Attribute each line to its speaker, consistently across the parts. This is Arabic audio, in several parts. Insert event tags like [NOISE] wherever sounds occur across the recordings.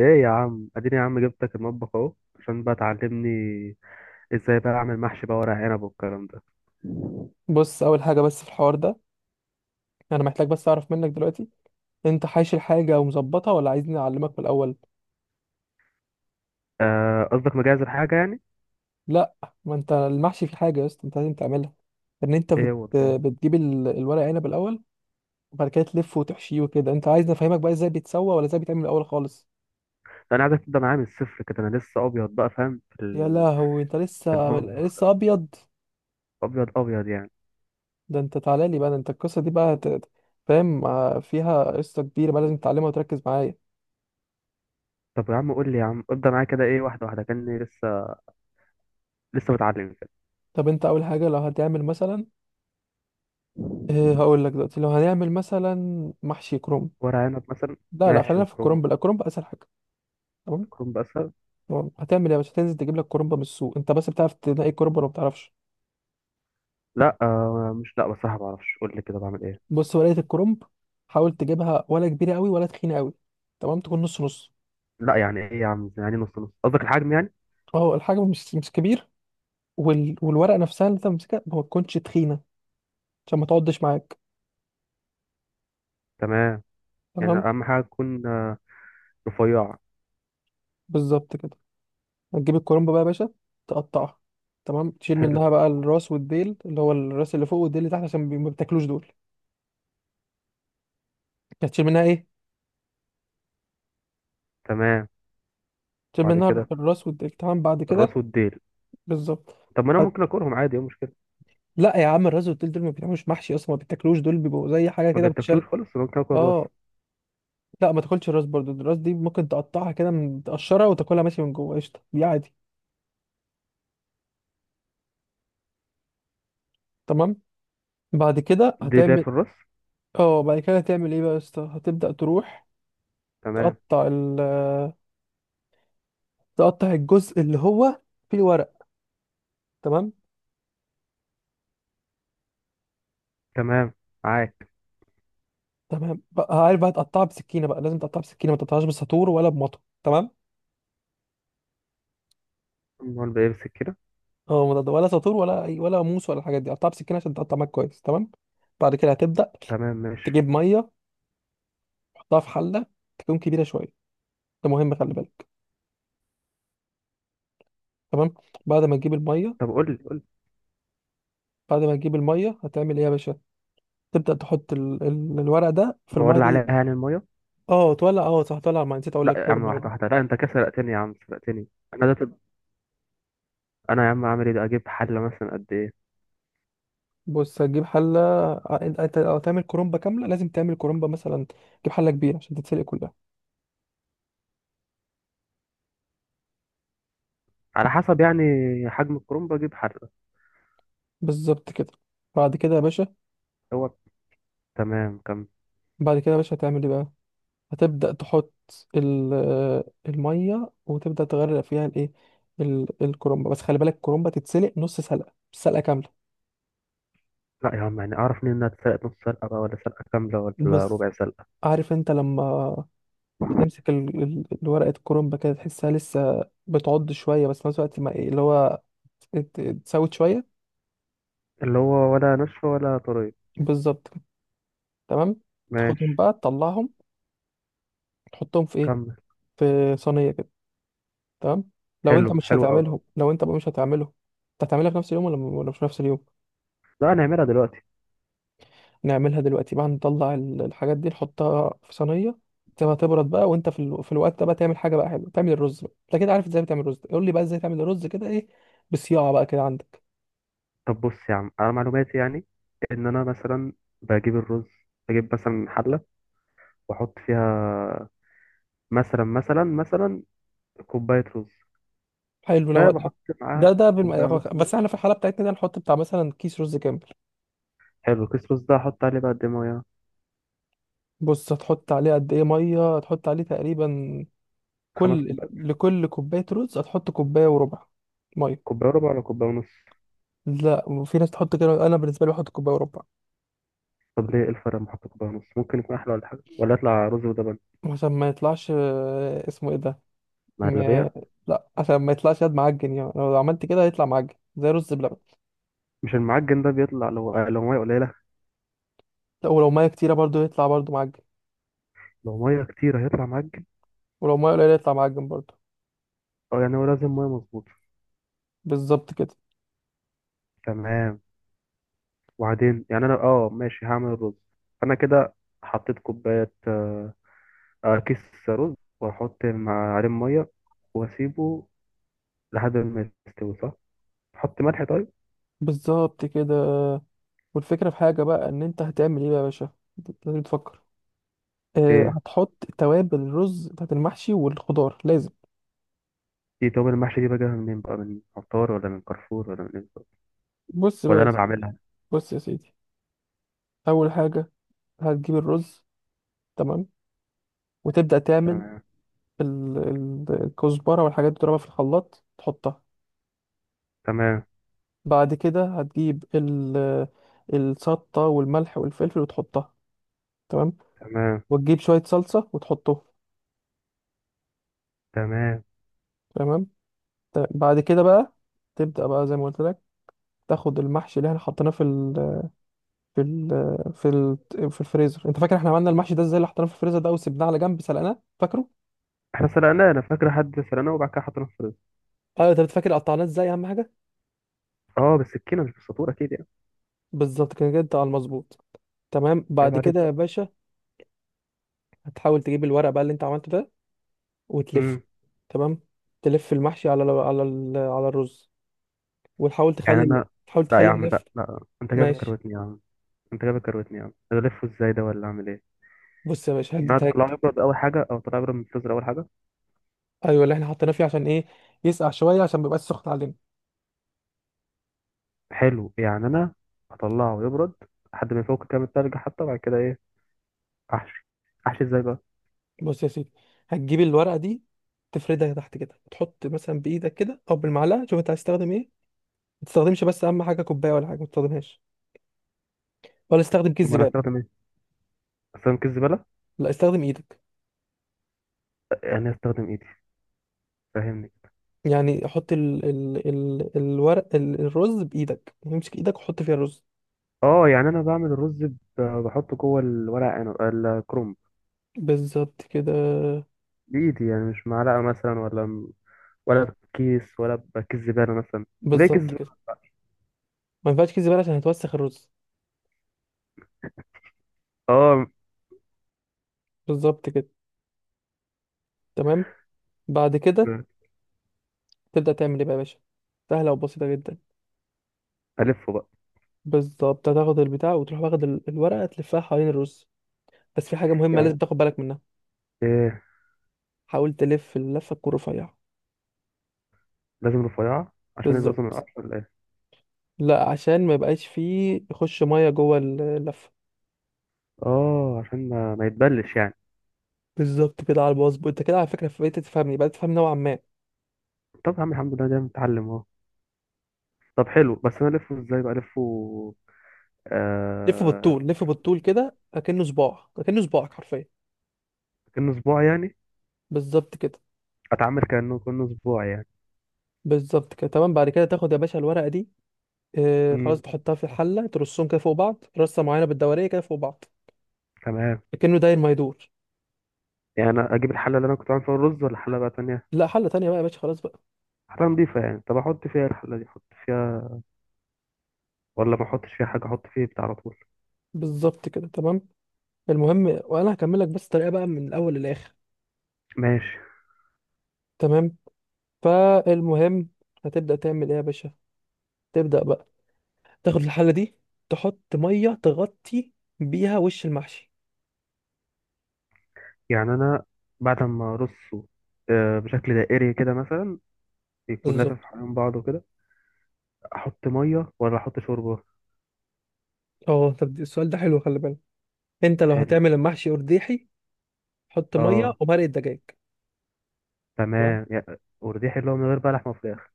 Speaker 1: ايه يا عم، اديني يا عم، جبتك المطبخ اهو. عشان بقى تعلمني. ازاي بقى اعمل محشي بقى، ورق عنب والكلام ده؟
Speaker 2: بص، اول حاجه بس في الحوار ده. انا محتاج بس اعرف منك دلوقتي، انت حايش الحاجه ومظبطها ولا عايزني اعلمك من الاول؟
Speaker 1: آه، قصدك مجهز الحاجه يعني؟
Speaker 2: لا، ما انت المحشي في حاجه يا اسطى انت لازم تعملها، ان انت
Speaker 1: ايه هو ده؟
Speaker 2: بتجيب الورق عنب الاول، وبعد كده تلفه وتحشيه وكده. انت عايزني افهمك بقى ازاي بيتسوى ولا ازاي بيتعمل الاول خالص؟
Speaker 1: انا عايزك تبدا معايا من الصفر كده، انا لسه ابيض بقى، فاهم
Speaker 2: يا لهوي، انت
Speaker 1: في
Speaker 2: لسه
Speaker 1: المطبخ.
Speaker 2: لسه ابيض؟
Speaker 1: ابيض ابيض يعني.
Speaker 2: ده انت تعالى لي بقى، ده انت القصه دي بقى فاهم؟ آه، فيها قصه كبيره بقى لازم تتعلمها وتركز معايا.
Speaker 1: طب يا عم، قول لي يا عم، ابدا معايا كده ايه، واحده واحده كاني لسه متعلم كده.
Speaker 2: طب انت اول حاجه لو هتعمل مثلا، هقول لك دلوقتي لو هنعمل مثلا محشي كرنب.
Speaker 1: ورق عنب مثلا.
Speaker 2: لا
Speaker 1: ماشي،
Speaker 2: خلينا في
Speaker 1: وكرنب.
Speaker 2: الكرنب، لا، الكرنب اسهل حاجه. تمام.
Speaker 1: كرنب اسهل.
Speaker 2: تمام. هتعمل ايه يا باشا؟ هتنزل تجيب لك كرنب من السوق. انت بس بتعرف تنقي الكرنب ولا ما بتعرفش؟
Speaker 1: لا، مش، لا بصراحه ما اعرفش، قول لي كده بعمل ايه؟
Speaker 2: بص، ورقه الكرنب حاول تجيبها ولا كبيره قوي ولا تخينه قوي، تمام، تكون نص نص.
Speaker 1: لا، يعني ايه يا عم؟ يعني نص نص قصدك الحجم يعني؟
Speaker 2: اه، الحجم مش كبير، والورقه نفسها اللي انت ماسكها ما تكونش تخينه، عشان ما تقعدش معاك.
Speaker 1: تمام، يعني
Speaker 2: تمام.
Speaker 1: اهم حاجه تكون رفيعه.
Speaker 2: بالظبط كده. هتجيب الكرنب بقى يا باشا، تقطعها، تمام، تشيل
Speaker 1: حلو.
Speaker 2: منها بقى الراس والديل، اللي هو الراس اللي فوق والديل اللي تحت، عشان ما بتاكلوش دول. هتشيل منها ايه؟
Speaker 1: تمام،
Speaker 2: تشيل
Speaker 1: بعد
Speaker 2: منها
Speaker 1: كده.
Speaker 2: الراس والديل. تمام بعد
Speaker 1: الراس
Speaker 2: كده.
Speaker 1: والديل.
Speaker 2: بالظبط.
Speaker 1: طب ما انا ممكن اكلهم عادي، ايه المشكله؟
Speaker 2: لا يا عم، الراس والتل دول ما بيتعملوش محشي اصلا، ما بيتاكلوش دول، بيبقوا زي حاجه
Speaker 1: ما
Speaker 2: كده بتشال.
Speaker 1: بيتاكلوش خالص؟ أنا ممكن اكل الراس.
Speaker 2: اه. لا ما تاكلش الراس برضو، الراس دي ممكن تقطعها كده تقشرها وتاكلها ماشي، من جوه قشطه دي عادي. تمام. بعد كده
Speaker 1: ديل ليا
Speaker 2: هتعمل.
Speaker 1: في الراس.
Speaker 2: اه، بعد كده هتعمل ايه بقى يا اسطى؟ هتبدا تروح
Speaker 1: تمام.
Speaker 2: تقطع تقطع الجزء اللي هو فيه الورق. تمام.
Speaker 1: تمام، معاك.
Speaker 2: تمام بقى. عارف بقى تقطعها بسكينه بقى، لازم تقطعها بسكينه، ما تقطعهاش بساطور ولا بمطو. تمام.
Speaker 1: امال بيمسك كده؟
Speaker 2: اه، مضاد ولا ساطور ولا اي ولا موس ولا الحاجات دي، قطعها بسكينه عشان تقطع معاك كويس. تمام. بعد كده هتبدا
Speaker 1: تمام، ماشي.
Speaker 2: تجيب ميه، تحطها في حله تكون كبيره شويه، ده مهم خلي بالك. تمام. بعد ما تجيب الميه،
Speaker 1: طب، قول لي قول لي.
Speaker 2: بعد ما تجيب الميه هتعمل ايه يا باشا؟ تبدا تحط الورق ده في الميه
Speaker 1: بولع عليها،
Speaker 2: دي.
Speaker 1: يعني الميه؟
Speaker 2: اه تولع، اه صح، تولع الميه، نسيت اقول
Speaker 1: لا
Speaker 2: لك
Speaker 1: يا
Speaker 2: حوار
Speaker 1: عم،
Speaker 2: الميه
Speaker 1: واحده
Speaker 2: ده.
Speaker 1: واحده، لا، انت كده سرقتني يا عم، سرقتني. انا ده، طب، انا يا عم اعمل ايه؟ ده اجيب حله مثلا قد ايه؟
Speaker 2: بص، هتجيب حله. ع- انت أنت لو هتعمل كرومبه كامله لازم تعمل كرومبه مثلا، تجيب حله كبيره عشان تتسلق كلها.
Speaker 1: على حسب يعني. حجم الكرنب اجيب حله.
Speaker 2: بالظبط كده. بعد كده يا باشا.
Speaker 1: هو. تمام، كمل.
Speaker 2: بعد كده يا باشا هتعمل ايه بقى؟ هتبدأ تحط آه، المية وتبدأ تغرق فيها الايه، الكرنبة. بس خلي بالك الكرنبة تتسلق نص سلقة، مش سلقة كاملة.
Speaker 1: لا يا عم، يعني اعرف منين انها تسرق نص سلقه بقى، ولا سلقه كامله، ولا
Speaker 2: بص،
Speaker 1: ربع سلقه؟
Speaker 2: عارف انت لما بتمسك الورقة الكرنبة كده، تحسها لسه بتعض شوية، بس في نفس الوقت ما إيه اللي هو اتسوت شوية.
Speaker 1: اللي هو ولا نصف ولا طريق.
Speaker 2: بالظبط كده. تمام. تاخدهم
Speaker 1: ماشي.
Speaker 2: بقى تطلعهم، تحطهم في ايه،
Speaker 1: كمل.
Speaker 2: في صينية كده. تمام. لو
Speaker 1: حلو،
Speaker 2: انت مش
Speaker 1: حلو قوي.
Speaker 2: هتعملهم، لو انت بقى مش هتعملهم، انت هتعملها في نفس اليوم ولا مش في نفس اليوم؟
Speaker 1: لا، نعملها دلوقتي.
Speaker 2: نعملها دلوقتي بقى، نطلع الحاجات دي نحطها في صينية، تسيبها تبرد بقى، وانت في, في الوقت ده بقى تعمل حاجة بقى حلوة، تعمل الرز بقى. انت كده عارف ازاي بتعمل الرز؟ قول لي بقى ازاي تعمل الرز كده، ايه بصياعة بقى كده عندك.
Speaker 1: طب بص يا عم، انا معلوماتي يعني، ان انا مثلا بجيب الرز، بجيب مثلا حله، واحط فيها مثلا كوبايه رز،
Speaker 2: حلو لو ده.
Speaker 1: فبحط
Speaker 2: ده
Speaker 1: معاها
Speaker 2: ده
Speaker 1: كوبايه
Speaker 2: بالم...
Speaker 1: ونص
Speaker 2: بس
Speaker 1: ميه.
Speaker 2: احنا في الحالة بتاعتنا ده نحط بتاع مثلا كيس رز كامل.
Speaker 1: حلو، كيس رز ده احط عليه بقى قد إيه ميه؟
Speaker 2: بص هتحط عليه قد ايه مية، هتحط عليه تقريبا،
Speaker 1: خمس
Speaker 2: كل
Speaker 1: كوبايات؟
Speaker 2: لكل كوباية رز هتحط كوباية وربع مية.
Speaker 1: كوبايه وربع ولا كوبايه ونص؟
Speaker 2: لا، وفي ناس تحط كده، انا بالنسبة لي بحط كوباية وربع،
Speaker 1: طب ليه؟ إيه الفرق لما احط كوبايه ونص؟ ممكن يكون احلى ولا حاجه، ولا يطلع رز ولبن؟
Speaker 2: عشان ما يطلعش آه، اسمه ايه ده، م...
Speaker 1: مهلبيه.
Speaker 2: لا عشان ما يطلعش يد معجن يعني، لو عملت كده هيطلع معجن زي رز بلبن.
Speaker 1: مش المعجن ده بيطلع لو ميه قليله؟
Speaker 2: لا ولو ميه كتيره برضو يطلع برضو معجن،
Speaker 1: لو ميه كتير هيطلع معجن.
Speaker 2: ولو ميه قليله يطلع معجن برضو.
Speaker 1: اه، يعني هو لازم ميه مظبوطه.
Speaker 2: بالظبط كده.
Speaker 1: تمام. وبعدين يعني انا ماشي، هعمل الرز، انا كده حطيت كوبايه كيس رز، واحط مع عليه ميه، واسيبه لحد ما يستوي، صح؟ احط ملح؟ طيب.
Speaker 2: بالظبط كده. والفكره في حاجه بقى، ان انت هتعمل ايه بقى يا باشا، أنت لازم تفكر. اه،
Speaker 1: ايه؟
Speaker 2: هتحط توابل الرز بتاعت المحشي والخضار لازم.
Speaker 1: دي، طب المحشي دي بجيبها منين بقى، من عطار ولا من كارفور ولا من إيه بالظبط؟
Speaker 2: بص بقى
Speaker 1: ولا
Speaker 2: يا
Speaker 1: انا
Speaker 2: سيدي.
Speaker 1: بعملها؟
Speaker 2: بص يا سيدي، اول حاجه هتجيب الرز، تمام، وتبدا تعمل
Speaker 1: تمام.
Speaker 2: الكزبره والحاجات دي، تضربها في الخلاط تحطها.
Speaker 1: تمام.
Speaker 2: بعد كده هتجيب الشطة والملح والفلفل وتحطها. تمام.
Speaker 1: تمام.
Speaker 2: وتجيب شوية صلصة وتحطهم.
Speaker 1: تمام.
Speaker 2: تمام. بعد كده بقى تبدأ بقى زي ما قلت لك، تاخد المحشي اللي احنا حطيناه في ال في ال في ال في الفريزر. انت فاكر احنا عملنا المحشي ده ازاي، اللي حطيناه في الفريزر ده وسبناه على جنب سلقناه، فاكره؟
Speaker 1: احنا سلقناه، انا فاكر، حد سلقناه وبعد كده حطيناه في الرز.
Speaker 2: اه، انت فاكر قطعناه ازاي، اهم حاجه.
Speaker 1: اه، بالسكينه مش بالسطور اكيد يعني.
Speaker 2: بالظبط كده، كده انت على المظبوط. تمام
Speaker 1: عيب
Speaker 2: بعد
Speaker 1: عليك
Speaker 2: كده يا
Speaker 1: بقى.
Speaker 2: باشا، هتحاول تجيب الورق بقى اللي انت عملته ده وتلفه.
Speaker 1: مم.
Speaker 2: تمام. تلف المحشي على الرز، وتحاول
Speaker 1: يعني
Speaker 2: تخلي،
Speaker 1: انا،
Speaker 2: تحاول
Speaker 1: لا يا
Speaker 2: تخلي
Speaker 1: عم،
Speaker 2: النفط
Speaker 1: لا، لا، انت
Speaker 2: يلا.
Speaker 1: جاي
Speaker 2: ماشي.
Speaker 1: بتكروتني يا عم، انت جاي بتكروتني يا عم، انا الفه ازاي ده ولا اعمل ايه؟
Speaker 2: بص يا باشا
Speaker 1: يعني انا
Speaker 2: هتجيب
Speaker 1: هطلعه
Speaker 2: هك.
Speaker 1: يبرد اول حاجه، او طلع يبرد من الفريزر اول حاجه.
Speaker 2: ايوه اللي احنا حطيناه فيه، عشان ايه؟ يسقع شويه عشان ما يبقاش سخن علينا.
Speaker 1: حلو، يعني انا هطلعه يبرد لحد ما يفك كام التلج، حتى بعد كده ايه؟ احشي؟ احشي ازاي بقى؟
Speaker 2: بص يا سيدي، هتجيب الورقه دي تفردها تحت كده، وتحط مثلا بايدك كده او بالمعلقه، شوف انت هتستخدم ايه. ما تستخدمش بس اهم حاجه كوبايه ولا حاجه ما تستخدمهاش، ولا استخدم كيس
Speaker 1: امال
Speaker 2: زباله.
Speaker 1: هستخدم ايه؟ استخدم كيس زباله؟
Speaker 2: لا، استخدم ايدك،
Speaker 1: يعني هستخدم ايدي؟ فاهمني؟
Speaker 2: يعني حط ال ال ال الورق الرز بايدك، امسك ايدك وحط فيها الرز.
Speaker 1: اه، يعني انا بعمل الرز بحطه جوه الورق عنب الكرنب،
Speaker 2: بالظبط كده.
Speaker 1: بايدي، يعني مش معلقه مثلا، ولا بكيس، ولا بكيس زباله مثلا؟ طب ليه كيس
Speaker 2: بالظبط
Speaker 1: زبالة؟
Speaker 2: كده. ما ينفعش كيس زباله عشان هتوسخ الرز.
Speaker 1: اه.
Speaker 2: بالظبط كده. تمام. بعد كده
Speaker 1: مم.
Speaker 2: تبدأ تعمل ايه بقى يا باشا؟ سهلة وبسيطة جدا.
Speaker 1: ألفه بقى؟
Speaker 2: بالظبط، هتاخد البتاع وتروح واخد الورقة تلفها حوالين الرز، بس في حاجة مهمة لازم
Speaker 1: يعني
Speaker 2: تاخد بالك منها.
Speaker 1: إيه؟
Speaker 2: حاول تلف اللفة تكون رفيعة.
Speaker 1: لازم رفيعة عشان يبوظ من
Speaker 2: بالظبط.
Speaker 1: القطر ولا إيه؟
Speaker 2: لا عشان ما يبقاش فيه يخش مية جوه اللفة.
Speaker 1: آه، عشان ما يتبلش يعني.
Speaker 2: بالظبط كده. على الباص انت كده، على فكرة بقيت تفهمني، بقيت تفهم نوعا ما.
Speaker 1: طب يا عم الحمد لله، ده متعلم أهو. طب حلو، بس أنا ألفه إزاي بقى ألفه؟
Speaker 2: لف
Speaker 1: آه...
Speaker 2: بالطول، لف بالطول كده اكنه صباع، اكنه صباعك حرفيا.
Speaker 1: كأنه أسبوع يعني.
Speaker 2: بالظبط كده.
Speaker 1: أتعامل كأنه أسبوع يعني.
Speaker 2: بالظبط كده. تمام بعد كده تاخد يا باشا الورقة دي، آه خلاص
Speaker 1: مم.
Speaker 2: تحطها في الحلة، ترصهم كده فوق بعض رصة معينة بالدورية كده فوق بعض،
Speaker 1: تمام،
Speaker 2: كأنه داير ما يدور.
Speaker 1: يعني أنا أجيب الحلة اللي أنا كنت عامل فيها الرز ولا حلة بقى تانية؟
Speaker 2: لا، حل تانية بقى يا باشا خلاص بقى.
Speaker 1: حلة نضيفة يعني، طب أحط فيها إيه الحلة دي؟ أحط فيها ولا ما أحطش فيها حاجة؟ أحط فيه بتاع على طول؟
Speaker 2: بالظبط كده. تمام. المهم وانا هكمل لك بس الطريقه بقى من الاول للاخر.
Speaker 1: ماشي.
Speaker 2: تمام. فالمهم، هتبدا تعمل ايه يا باشا؟ تبدا بقى تاخد الحله دي، تحط ميه تغطي بيها وش المحشي.
Speaker 1: يعني أنا بعد ما أرصه، بشكل دائري كده مثلا، يكون
Speaker 2: بالظبط.
Speaker 1: لافف حوالين بعضه كده. احط ميه ولا احط شوربه؟
Speaker 2: اه طب السؤال ده حلو، خلي بالك. انت لو
Speaker 1: حلو.
Speaker 2: هتعمل المحشي ارديحي، حط ميه
Speaker 1: اه،
Speaker 2: ومرق دجاج. تمام.
Speaker 1: تمام يا. ورديح اللي هو من غير بلح ما فراخ.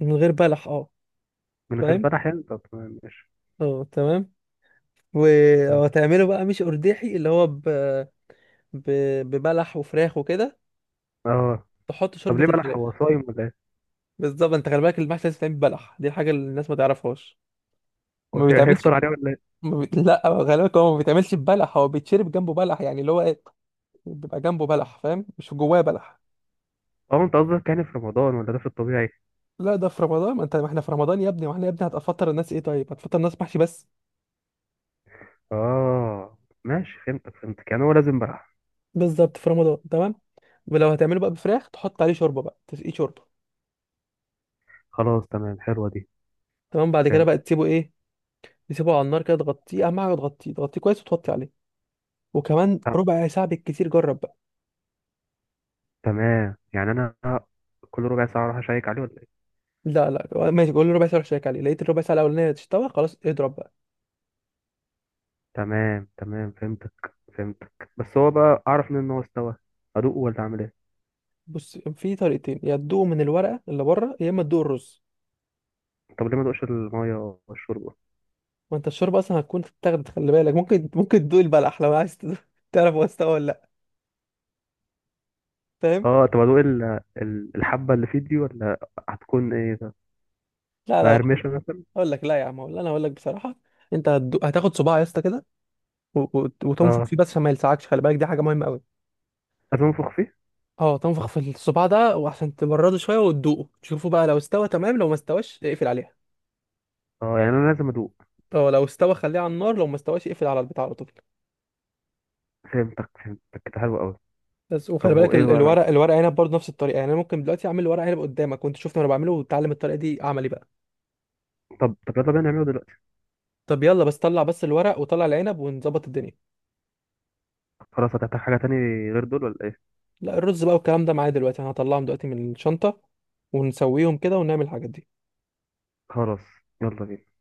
Speaker 2: من غير بلح، اه.
Speaker 1: من غير
Speaker 2: فاهم.
Speaker 1: بلح يعني، طب تمام ماشي.
Speaker 2: اه تمام. وهتعمله بقى مش ارديحي، اللي هو ب... ببلح وفراخ وكده،
Speaker 1: اه.
Speaker 2: تحط
Speaker 1: طب
Speaker 2: شوربه
Speaker 1: ليه بلح؟
Speaker 2: الفراخ.
Speaker 1: هو صايم ولا ايه؟
Speaker 2: بالظبط. انت خلي بالك، المحشي لازم يتعمل ببلح، دي الحاجه اللي الناس ما تعرفش ما
Speaker 1: [LAUGHS]
Speaker 2: بيتعملش.
Speaker 1: هيفطر عليه ولا ايه؟
Speaker 2: ما بي... لا. خلي بالك، هو ما بيتعملش ببلح، هو بيتشرب جنبه بلح، يعني اللي هو ايه، بيبقى جنبه بلح، فاهم، مش جواه بلح.
Speaker 1: اه، انت قصدك يعني في رمضان، ولا ده في الطبيعي؟
Speaker 2: لا ده في رمضان، ما انت ما احنا في رمضان يا ابني، ما احنا يا ابني هتفطر الناس ايه طيب؟ هتفطر الناس محشي بس.
Speaker 1: اه ماشي، فهمتك فهمتك، يعني هو لازم بلح.
Speaker 2: بالظبط في رمضان. تمام. ولو هتعمله بقى بفراخ تحط عليه شوربه بقى، تسقيه شوربه.
Speaker 1: خلاص، تمام، حلوه دي.
Speaker 2: تمام. بعد كده
Speaker 1: فهمت.
Speaker 2: بقى تسيبه ايه، تسيبه على النار كده، تغطيه اهم حاجه، تغطيه، تغطيه كويس وتغطي عليه وكمان
Speaker 1: آه.
Speaker 2: ربع ساعه بالكتير، جرب.
Speaker 1: تمام، يعني انا كل ربع ساعه اروح اشيك عليه ولا ايه؟
Speaker 2: لا لا ماشي، قول له ربع ساعه، روح شيك عليه، لقيت الربع ساعه الاولانيه تستوى، خلاص اضرب بقى.
Speaker 1: تمام تمام، فهمتك فهمتك، بس هو بقى اعرف منين ان هو استوى؟ ادوقه ولا اعمل ايه؟
Speaker 2: بص، في طريقتين، يا تدوق من الورقه اللي بره، يا اما تدوق الرز.
Speaker 1: طب ليه ما دوقش المية والشوربة؟
Speaker 2: ما انت الشوربه اصلا هتكون تاخد، خلي بالك، ممكن ممكن تدوق البلح لو عايز [LAUGHS] تعرف هو استوى ولا لا. فاهم.
Speaker 1: اه طب ادوق الحبة اللي في دي، ولا هتكون ايه ده؟
Speaker 2: لا لا لا.
Speaker 1: مقرمشة مثلا؟
Speaker 2: اقول لك، لا يا عم، اقول انا اقول لك بصراحه. انت هتدوق، هتاخد صباع يا اسطى كده، وتنفخ
Speaker 1: اه،
Speaker 2: فيه بس عشان ما يلسعكش، خلي بالك دي حاجه مهمه قوي.
Speaker 1: لازم انفخ فيه.
Speaker 2: اه تنفخ في الصباع ده وعشان تبرده شويه وتدوقه، تشوفه بقى لو استوى تمام، لو ما استواش اقفل عليها.
Speaker 1: اه، يعني انا لازم ادوق؟
Speaker 2: اه لو استوى خليه على النار، لو ما استواش اقفل على البتاع على طول.
Speaker 1: فهمتك فهمتك كده، حلو قوي.
Speaker 2: بس
Speaker 1: طب
Speaker 2: وخلي بالك
Speaker 1: وايه بقى
Speaker 2: الورق، الورق عنب برضه نفس الطريقه، يعني انا ممكن دلوقتي اعمل ورق عنب قدامك وانت شفت انا بعمله وتعلم الطريقه دي عملي بقى.
Speaker 1: طب يلا بينا نعمله دلوقتي.
Speaker 2: طب يلا، بس طلع بس الورق وطلع العنب ونظبط الدنيا.
Speaker 1: خلاص، هتحتاج حاجة تاني غير دول ولا ايه؟
Speaker 2: لا الرز بقى والكلام ده معايا دلوقتي، انا هطلعهم دلوقتي من الشنطه ونسويهم كده ونعمل الحاجات دي.
Speaker 1: خلاص. يلا بينا.